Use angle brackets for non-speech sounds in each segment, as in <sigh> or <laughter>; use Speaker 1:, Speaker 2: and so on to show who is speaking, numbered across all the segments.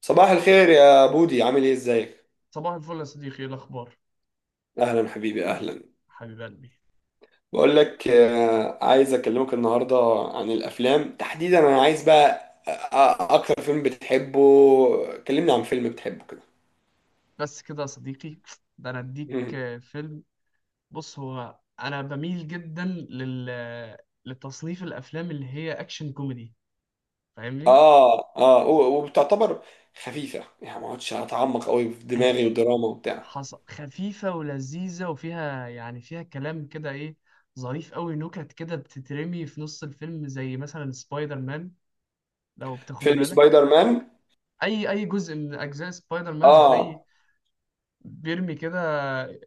Speaker 1: صباح الخير يا بودي، عامل ايه؟ ازيك؟
Speaker 2: صباح الفل يا صديقي، ايه الاخبار؟
Speaker 1: اهلا حبيبي، اهلا.
Speaker 2: حبيب قلبي.
Speaker 1: بقول لك، عايز اكلمك النهارده عن الافلام تحديدا. انا عايز بقى اكتر فيلم بتحبه. كلمني عن فيلم بتحبه كده.
Speaker 2: بس كده يا صديقي؟ ده انا اديك
Speaker 1: مم. <laughs>
Speaker 2: فيلم. بص، هو انا بميل جدا لتصنيف الافلام اللي هي اكشن كوميدي، فاهمني؟
Speaker 1: اه اه، وبتعتبر خفيفه، يعني ما اقعدش اتعمق قوي في
Speaker 2: آه،
Speaker 1: دماغي، ودراما وبتاع؟
Speaker 2: خفيفه ولذيذه، وفيها يعني فيها كلام كده ايه، ظريف قوي، نكت كده بتترمي في نص الفيلم، زي مثلا سبايدر مان، لو بتاخد
Speaker 1: فيلم
Speaker 2: بالك.
Speaker 1: سبايدر مان.
Speaker 2: اي جزء من اجزاء سبايدر مان هتلاقي
Speaker 1: اه.
Speaker 2: بيرمي كده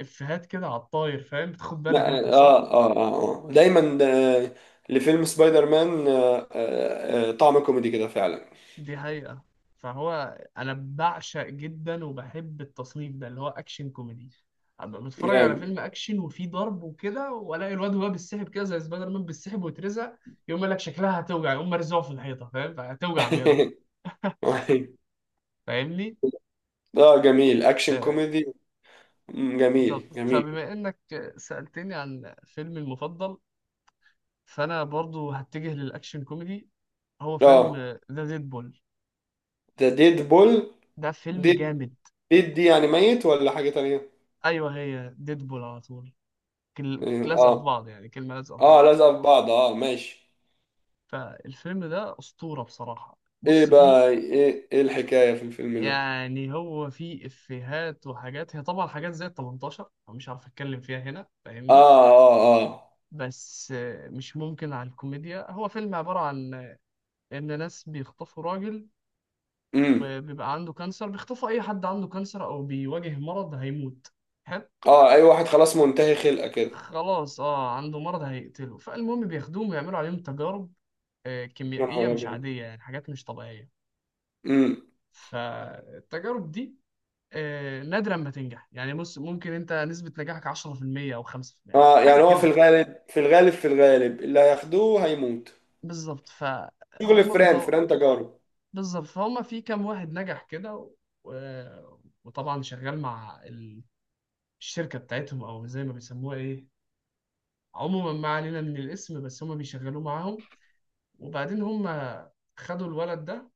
Speaker 2: افيهات كده على الطاير، فاهم؟ بتاخد بالك
Speaker 1: لا.
Speaker 2: انت؟ صح،
Speaker 1: اه اه اه. آه. آه. دايما. لفيلم سبايدر مان طعم كوميدي كده فعلا.
Speaker 2: دي حقيقة. فهو أنا بعشق جدا وبحب التصنيف ده اللي هو أكشن كوميدي. أبقى بتفرج على
Speaker 1: جامد.
Speaker 2: فيلم أكشن وفيه ضرب وكده، وألاقي الواد وهو بيتسحب كده زي سبايدر مان، بيتسحب ويترزق، يقوم قال لك شكلها هتوجع، يقوم مرزوع في الحيطة. فاهم؟ فهتوجع بجد.
Speaker 1: <laughs> <laughs>
Speaker 2: <laughs>
Speaker 1: أيوة.
Speaker 2: فاهمني؟
Speaker 1: اه، جميل. اكشن
Speaker 2: آه،
Speaker 1: كوميدي. جميل
Speaker 2: بالظبط.
Speaker 1: جميل.
Speaker 2: فبما إنك سألتني عن فيلمي المفضل، فأنا برضو هتجه للأكشن كوميدي. هو فيلم
Speaker 1: اه.
Speaker 2: ذا ديدبول.
Speaker 1: ده ديد بول.
Speaker 2: ده فيلم
Speaker 1: ديد.
Speaker 2: جامد.
Speaker 1: ديد دي يعني ميت ولا حاجة تانية؟
Speaker 2: أيوه، هي ديدبول على طول،
Speaker 1: يعني،
Speaker 2: لازقه في
Speaker 1: اه.
Speaker 2: بعض، يعني كلمه لازقه في
Speaker 1: اه،
Speaker 2: بعض.
Speaker 1: لازقة في بعض، اه ماشي.
Speaker 2: فالفيلم ده اسطوره بصراحه.
Speaker 1: ايه
Speaker 2: بص، فيه
Speaker 1: بقى؟ ايه ايه الحكاية في الفيلم ده؟
Speaker 2: يعني هو فيه افيهات وحاجات، هي طبعا حاجات زي ال 18، فمش عارف اتكلم فيها هنا،
Speaker 1: اه
Speaker 2: فاهمني؟
Speaker 1: اه. اه.
Speaker 2: بس مش ممكن على الكوميديا. هو فيلم عباره عن ان ناس بيخطفوا راجل
Speaker 1: امم.
Speaker 2: وبيبقى عنده كانسر. بيخطفوا اي حد عنده كانسر او بيواجه مرض هيموت. حلو.
Speaker 1: اه، اي واحد خلاص منتهي خلقة كده.
Speaker 2: خلاص، اه، عنده مرض هيقتله. فالمهم بياخدوهم ويعملوا عليهم تجارب
Speaker 1: يا نهار
Speaker 2: كيميائية مش
Speaker 1: ابيض.
Speaker 2: عادية، يعني حاجات مش طبيعية.
Speaker 1: امم.
Speaker 2: فالتجارب دي نادرا ما تنجح، يعني بص، ممكن انت نسبة نجاحك 10% او 5%،
Speaker 1: اه،
Speaker 2: حاجة
Speaker 1: يعني هو في
Speaker 2: كده.
Speaker 1: الغالب في الغالب في الغالب اللي هياخدوه هيموت.
Speaker 2: بالظبط.
Speaker 1: شغل
Speaker 2: فهم
Speaker 1: فران
Speaker 2: بيدور.
Speaker 1: فران تجارب.
Speaker 2: بالظبط. فهم في كام واحد نجح كده و... و- وطبعا شغال مع الشركة بتاعتهم، او زي ما بيسموها ايه، عموما ما علينا من الاسم، بس هم بيشغلوه معاهم. وبعدين هم خدوا الولد ده،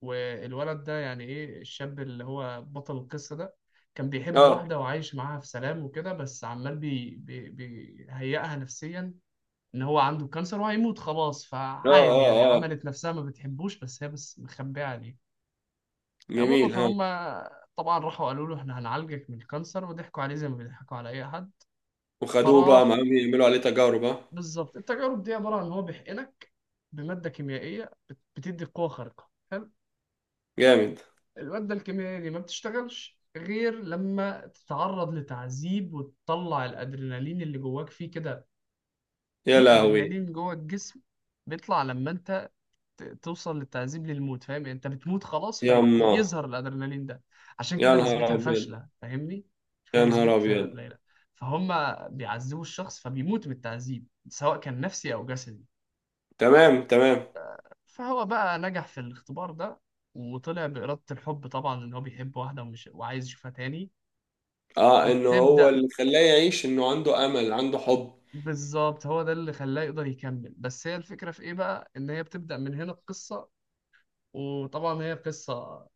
Speaker 2: والولد ده يعني ايه، الشاب اللي هو بطل القصة ده، كان بيحب
Speaker 1: اه
Speaker 2: واحدة وعايش معاها في سلام وكده، بس عمال بي بي بيهيئها نفسيا ان هو عنده كانسر وهيموت خلاص.
Speaker 1: اه.
Speaker 2: فعادي، يعني
Speaker 1: اه اه.
Speaker 2: عملت نفسها ما بتحبوش، بس هي بس مخبية عليه. المهم،
Speaker 1: جميل، ها.
Speaker 2: فهم طبعا راحوا قالوا له احنا هنعالجك من الكانسر، وضحكوا عليه زي ما بيضحكوا على اي حد.
Speaker 1: وخدوه بقى
Speaker 2: فراح.
Speaker 1: معاهم يعملوا عليه تجارب، ها.
Speaker 2: بالظبط، التجارب دي عبارة عن ان هو بيحقنك بمادة كيميائية بتدي قوة خارقة. حلو.
Speaker 1: جامد.
Speaker 2: المادة الكيميائية دي ما بتشتغلش غير لما تتعرض لتعذيب وتطلع الأدرينالين اللي جواك فيه كده.
Speaker 1: يا
Speaker 2: في
Speaker 1: لهوي.
Speaker 2: أدرينالين جوا الجسم بيطلع لما انت توصل للتعذيب للموت، فاهم؟ يعني انت بتموت خلاص
Speaker 1: يا الله.
Speaker 2: فيظهر الأدرينالين ده. عشان
Speaker 1: يا
Speaker 2: كده
Speaker 1: نهار
Speaker 2: نسبتها
Speaker 1: ابيض.
Speaker 2: فاشلة، فاهمني؟ عشان كده
Speaker 1: يا نهار
Speaker 2: نسبتها
Speaker 1: ابيض.
Speaker 2: قليلة. فهم بيعذبوا الشخص فبيموت من التعذيب، سواء كان نفسي أو جسدي.
Speaker 1: تمام تمام.
Speaker 2: فهو بقى نجح في الاختبار ده، وطلع بإرادة الحب، طبعا إن هو بيحب واحدة ومش وعايز يشوفها تاني.
Speaker 1: اه، انه هو
Speaker 2: وبتبدأ،
Speaker 1: اللي خلاه يعيش، انه عنده امل، عنده حب.
Speaker 2: بالظبط، هو ده اللي خلاه يقدر يكمل. بس هي الفكرة في ايه بقى، ان هي بتبدأ من هنا القصة. وطبعا هي قصة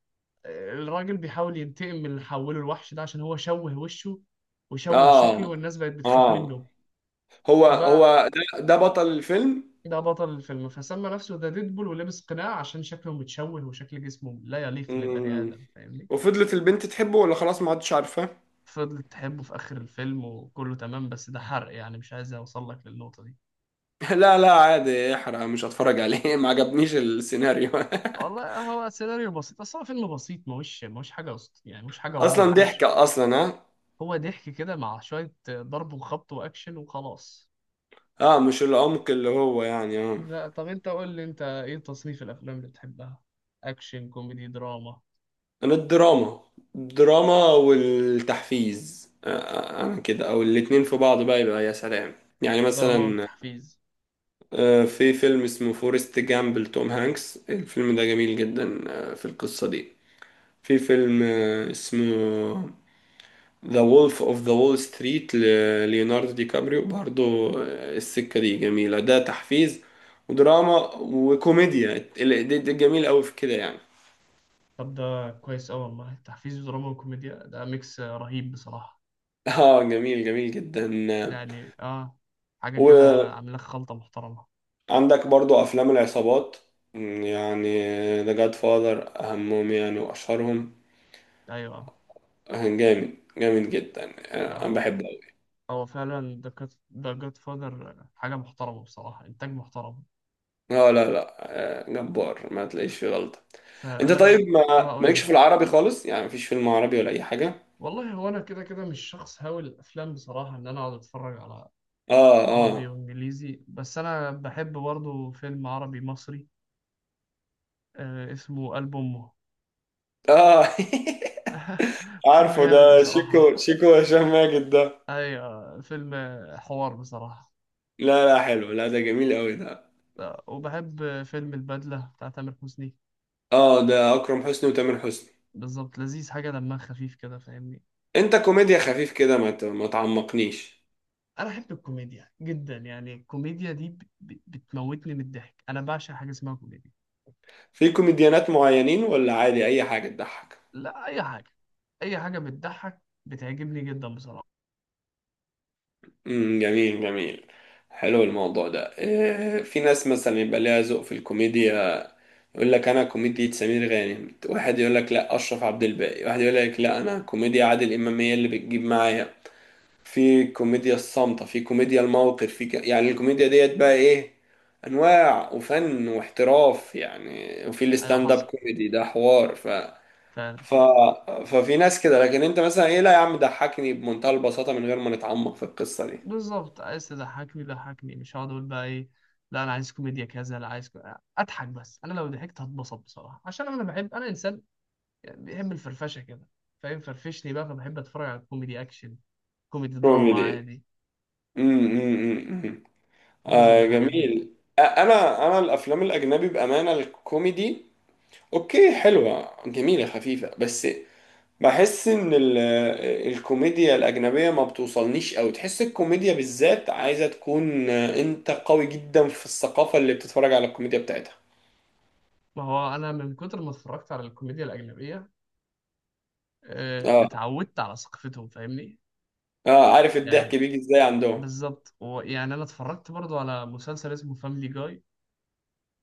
Speaker 2: الراجل بيحاول ينتقم من اللي حوله، الوحش ده، عشان هو شوه وشه وشوه شكله
Speaker 1: اه.
Speaker 2: والناس بقت بتخاف
Speaker 1: اه.
Speaker 2: منه.
Speaker 1: هو
Speaker 2: فبقى
Speaker 1: هو ده, ده بطل الفيلم.
Speaker 2: ده بطل الفيلم، فسمى نفسه ذا ديدبول ولبس قناع عشان شكله متشوه وشكل جسمه لا يليق لبني
Speaker 1: مم.
Speaker 2: آدم، فاهمني؟
Speaker 1: وفضلت البنت تحبه ولا خلاص ما عادش عارفاه؟
Speaker 2: فضلت تحبه في آخر الفيلم وكله تمام، بس ده حرق، يعني مش عايز أوصل لك للنقطة دي.
Speaker 1: <laughs> لا لا، عادي، احرق، مش هتفرج عليه. <laughs> ما عجبنيش السيناريو.
Speaker 2: والله هو سيناريو بسيط، بس هو فيلم بسيط. ماهوش حاجة يعني ماهوش
Speaker 1: <laughs>
Speaker 2: حاجة واو،
Speaker 1: اصلا
Speaker 2: مفهوش.
Speaker 1: ضحكة اصلا، ها.
Speaker 2: هو ضحك كده مع شوية ضرب وخبط وأكشن وخلاص.
Speaker 1: اه، مش العمق اللي هو يعني اه.
Speaker 2: لا، طب أنت قول لي، أنت إيه تصنيف الأفلام اللي بتحبها؟ أكشن، كوميدي، دراما،
Speaker 1: انا الدراما. الدراما والتحفيز، انا كده. او الاتنين في بعض بقى يبقى يا سلام. يعني
Speaker 2: دراما،
Speaker 1: مثلا
Speaker 2: تحفيز؟
Speaker 1: في فيلم اسمه فورست جامب لتوم هانكس، الفيلم ده جميل جدا. في القصة دي. في فيلم اسمه ذا وولف اوف ذا وول ستريت لليوناردو دي كابريو، برضو السكة دي جميلة، ده تحفيز ودراما وكوميديا. ده جميل قوي في كده يعني.
Speaker 2: طب ده كويس أوي والله، تحفيز ودراما وكوميديا، ده ميكس رهيب بصراحة.
Speaker 1: <laughs> اه، جميل جميل جدا.
Speaker 2: يعني آه، حاجة كده عاملة لك خلطة محترمة.
Speaker 1: عندك برضو افلام العصابات، يعني ذا جاد فاذر اهمهم يعني واشهرهم.
Speaker 2: أيوه.
Speaker 1: جامد جامد جدا، يعني
Speaker 2: لا،
Speaker 1: انا
Speaker 2: هو
Speaker 1: بحبه أوي.
Speaker 2: هو فعلا ده جاد فاذر حاجة محترمة بصراحة، إنتاج محترم.
Speaker 1: لا لا لا. جبار ما تلاقيش فيه غلطة. انت
Speaker 2: فانا
Speaker 1: طيب،
Speaker 2: بقى. اه،
Speaker 1: ما
Speaker 2: اقول
Speaker 1: مالكش
Speaker 2: لي.
Speaker 1: في العربي خالص؟ يعني مفيش فيلم عربي ولا اي حاجة؟
Speaker 2: والله هو انا كده كده مش شخص هاوي الافلام بصراحه، ان انا اقعد اتفرج على
Speaker 1: اه
Speaker 2: عربي
Speaker 1: اه.
Speaker 2: وانجليزي، بس انا بحب برضه فيلم عربي مصري آه اسمه قلب امه.
Speaker 1: اه.
Speaker 2: <laughs>
Speaker 1: <laughs>
Speaker 2: فيلم
Speaker 1: عارفه،
Speaker 2: جامد
Speaker 1: ده
Speaker 2: بصراحه،
Speaker 1: شيكو، شيكو هشام ماجد ده.
Speaker 2: ايوه، فيلم حوار بصراحه.
Speaker 1: لا لا، حلو، لا ده جميل قوي ده.
Speaker 2: وبحب فيلم البدله بتاع تامر حسني.
Speaker 1: اه، ده اكرم حسني وتامر حسني.
Speaker 2: بالظبط، لذيذ، حاجه دمها خفيف كده، فاهمني؟
Speaker 1: انت كوميديا خفيف كده، ما تعمقنيش.
Speaker 2: انا احب الكوميديا جدا، يعني الكوميديا دي بتموتني من الضحك، انا بعشق حاجه اسمها كوميديا.
Speaker 1: في كوميديانات معينين، ولا عادي اي حاجه تضحك؟
Speaker 2: لا، اي حاجه، اي حاجه بتضحك بتعجبني جدا بصراحه.
Speaker 1: امم، جميل جميل. حلو الموضوع ده. في ناس مثلا يبقى ليها ذوق في الكوميديا. يقول لك انا كوميديا سمير غانم. واحد يقول لك لا، اشرف عبد الباقي. واحد يقول لك لا، انا كوميديا عادل امام هي اللي بتجيب معايا. في كوميديا الصامته، في كوميديا الموقف، في يعني الكوميديا ديت بقى ايه، انواع وفن واحتراف يعني. وفي
Speaker 2: ايوه،
Speaker 1: الستاند اب
Speaker 2: حصل
Speaker 1: كوميدي، ده حوار.
Speaker 2: فعلا.
Speaker 1: ف... ففي ناس كده. لكن انت مثلا ايه؟ لا يا عم، ضحكني بمنتهى البساطة، من غير ما نتعمق في القصة دي.
Speaker 2: بالظبط، عايز تضحكني ضحكني، مش هقعد اقول بقى ايه، لا انا عايز كوميديا كذا لا عايز اضحك بس. انا لو ضحكت هتبسط بصراحه، عشان انا بحب، انا انسان يعني بيحب الفرفشه كده، فاهم؟ فرفشني بقى. فبحب اتفرج على كوميدي اكشن، كوميدي دراما،
Speaker 1: كوميدي.
Speaker 2: عادي،
Speaker 1: امم امم امم
Speaker 2: اتبسط
Speaker 1: آه،
Speaker 2: بالحاجات دي.
Speaker 1: جميل. آه، انا انا الافلام الاجنبي بامانة، الكوميدي اوكي، حلوة جميلة خفيفة، بس بحس ان الكوميديا الاجنبية ما بتوصلنيش قوي. تحس الكوميديا بالذات عايزة تكون، انت قوي جدا في الثقافة اللي بتتفرج على الكوميديا بتاعتها.
Speaker 2: ما هو انا من كتر ما اتفرجت على الكوميديا الاجنبيه
Speaker 1: اه.
Speaker 2: اتعودت على ثقافتهم، فاهمني؟
Speaker 1: اه، عارف الضحك
Speaker 2: يعني،
Speaker 1: بيجي ازاي عندهم.
Speaker 2: بالظبط. ويعني انا اتفرجت برضو على مسلسل اسمه فاميلي جاي،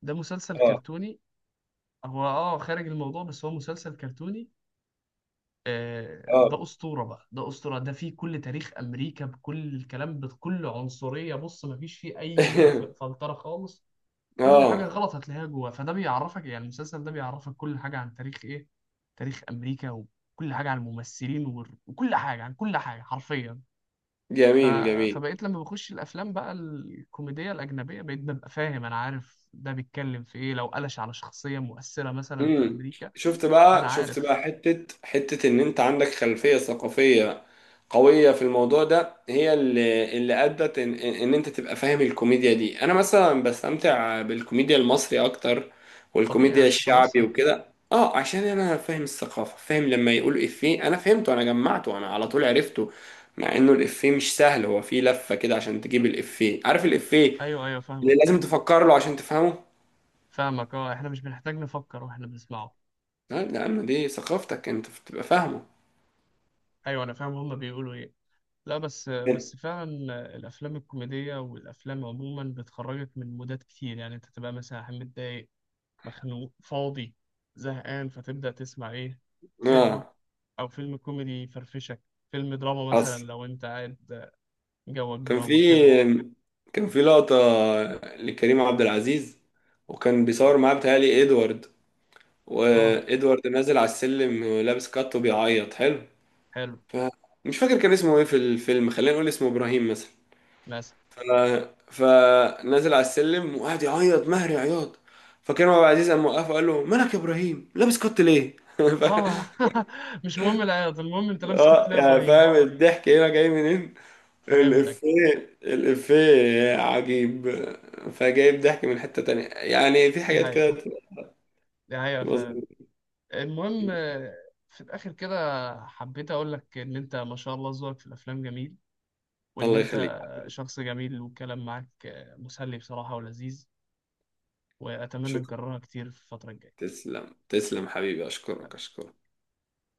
Speaker 2: ده مسلسل
Speaker 1: اه.
Speaker 2: كرتوني. هو اه خارج الموضوع، بس هو مسلسل كرتوني آه،
Speaker 1: اه.
Speaker 2: ده اسطوره بقى، ده اسطوره. ده فيه كل تاريخ امريكا، بكل الكلام، بكل عنصريه. بص، مفيش فيه اي
Speaker 1: <laughs>
Speaker 2: فلتره خالص، كل حاجه
Speaker 1: اه،
Speaker 2: غلط هتلاقيها جوه. فده بيعرفك، يعني المسلسل ده بيعرفك كل حاجه عن تاريخ ايه، تاريخ امريكا، وكل حاجه عن الممثلين وكل حاجه عن كل حاجه حرفيا. ف...
Speaker 1: جميل جميل.
Speaker 2: فبقيت لما بخش الافلام بقى الكوميديه الاجنبيه، بقيت ببقى فاهم، انا عارف ده بيتكلم في ايه، لو قلش على شخصيه مؤثره مثلا في
Speaker 1: امم.
Speaker 2: امريكا
Speaker 1: شفت
Speaker 2: انا
Speaker 1: بقى، شفت بقى،
Speaker 2: عارف.
Speaker 1: حتة حتة، ان انت عندك خلفية ثقافية قوية في الموضوع ده، هي اللي ادت ان انت تبقى فاهم الكوميديا دي. انا مثلا بستمتع بالكوميديا المصري اكتر،
Speaker 2: طبيعي
Speaker 1: والكوميديا
Speaker 2: عشان انت
Speaker 1: الشعبي
Speaker 2: مصري.
Speaker 1: وكده. اه، عشان انا فاهم الثقافة. فاهم لما يقول افيه انا فهمته، انا جمعته، انا على طول عرفته. مع انه الافيه مش سهل، هو فيه لفة كده عشان تجيب الافيه، عارف الافيه
Speaker 2: ايوه ايوه،
Speaker 1: اللي
Speaker 2: فاهمك،
Speaker 1: لازم تفكر له عشان تفهمه.
Speaker 2: فاهمك. اه، احنا مش بنحتاج نفكر واحنا بنسمعه.
Speaker 1: لا يا عم، دي ثقافتك انت، بتبقى فاهمه.
Speaker 2: ايوه انا فاهم هما بيقولوا ايه. لا بس
Speaker 1: كان-
Speaker 2: بس فعلا الافلام الكوميديه والافلام عموما بتخرجك من مودات كتير. يعني انت تبقى مثلا متضايق، مخنوق، فاضي، زهقان، فتبدا تسمع ايه، فيلم
Speaker 1: اه،
Speaker 2: او فيلم كوميدي يفرفشك. فيلم دراما مثلا
Speaker 1: اصل
Speaker 2: لو انت قاعد جوك
Speaker 1: كان
Speaker 2: دراما
Speaker 1: في
Speaker 2: كده.
Speaker 1: كان في لقطة لكريم عبد العزيز، وكان بيصور معاه بتهيألي ادوارد.
Speaker 2: اه،
Speaker 1: وادوارد نازل على السلم لابس كات وبيعيط. حلو.
Speaker 2: حلو.
Speaker 1: ف... مش فاكر كان اسمه ايه في الفيلم، خلينا نقول اسمه ابراهيم مثلا.
Speaker 2: مثلا
Speaker 1: ف... فنازل على السلم وقعد يعيط مهري عياط. فكريم عبد العزيز قام وقفه وقال له مالك يا ابراهيم، لابس كات ليه؟ <laughs> ف...
Speaker 2: اه، <laughs> مش مهم العياط، المهم انت لابس
Speaker 1: اه،
Speaker 2: كابتن يا
Speaker 1: يعني
Speaker 2: ابراهيم.
Speaker 1: فاهم الضحك هنا جاي منين.
Speaker 2: فهمتك.
Speaker 1: الإفيه، الإفيه عجيب. فجايب ضحك من حتة تانية، يعني في
Speaker 2: دي
Speaker 1: حاجات
Speaker 2: حقيقة،
Speaker 1: كده
Speaker 2: دي حقيقة
Speaker 1: بتبقى
Speaker 2: فعلا.
Speaker 1: ظريفة.
Speaker 2: المهم في الاخر كده حبيت اقول لك ان انت ما شاء الله ذوقك في الافلام جميل، وان
Speaker 1: الله يخليك.
Speaker 2: انت شخص جميل، والكلام معاك مسلي بصراحة ولذيذ. واتمنى
Speaker 1: شكرا.
Speaker 2: نكررها كتير في الفترة الجاية.
Speaker 1: تسلم تسلم حبيبي، أشكرك أشكرك.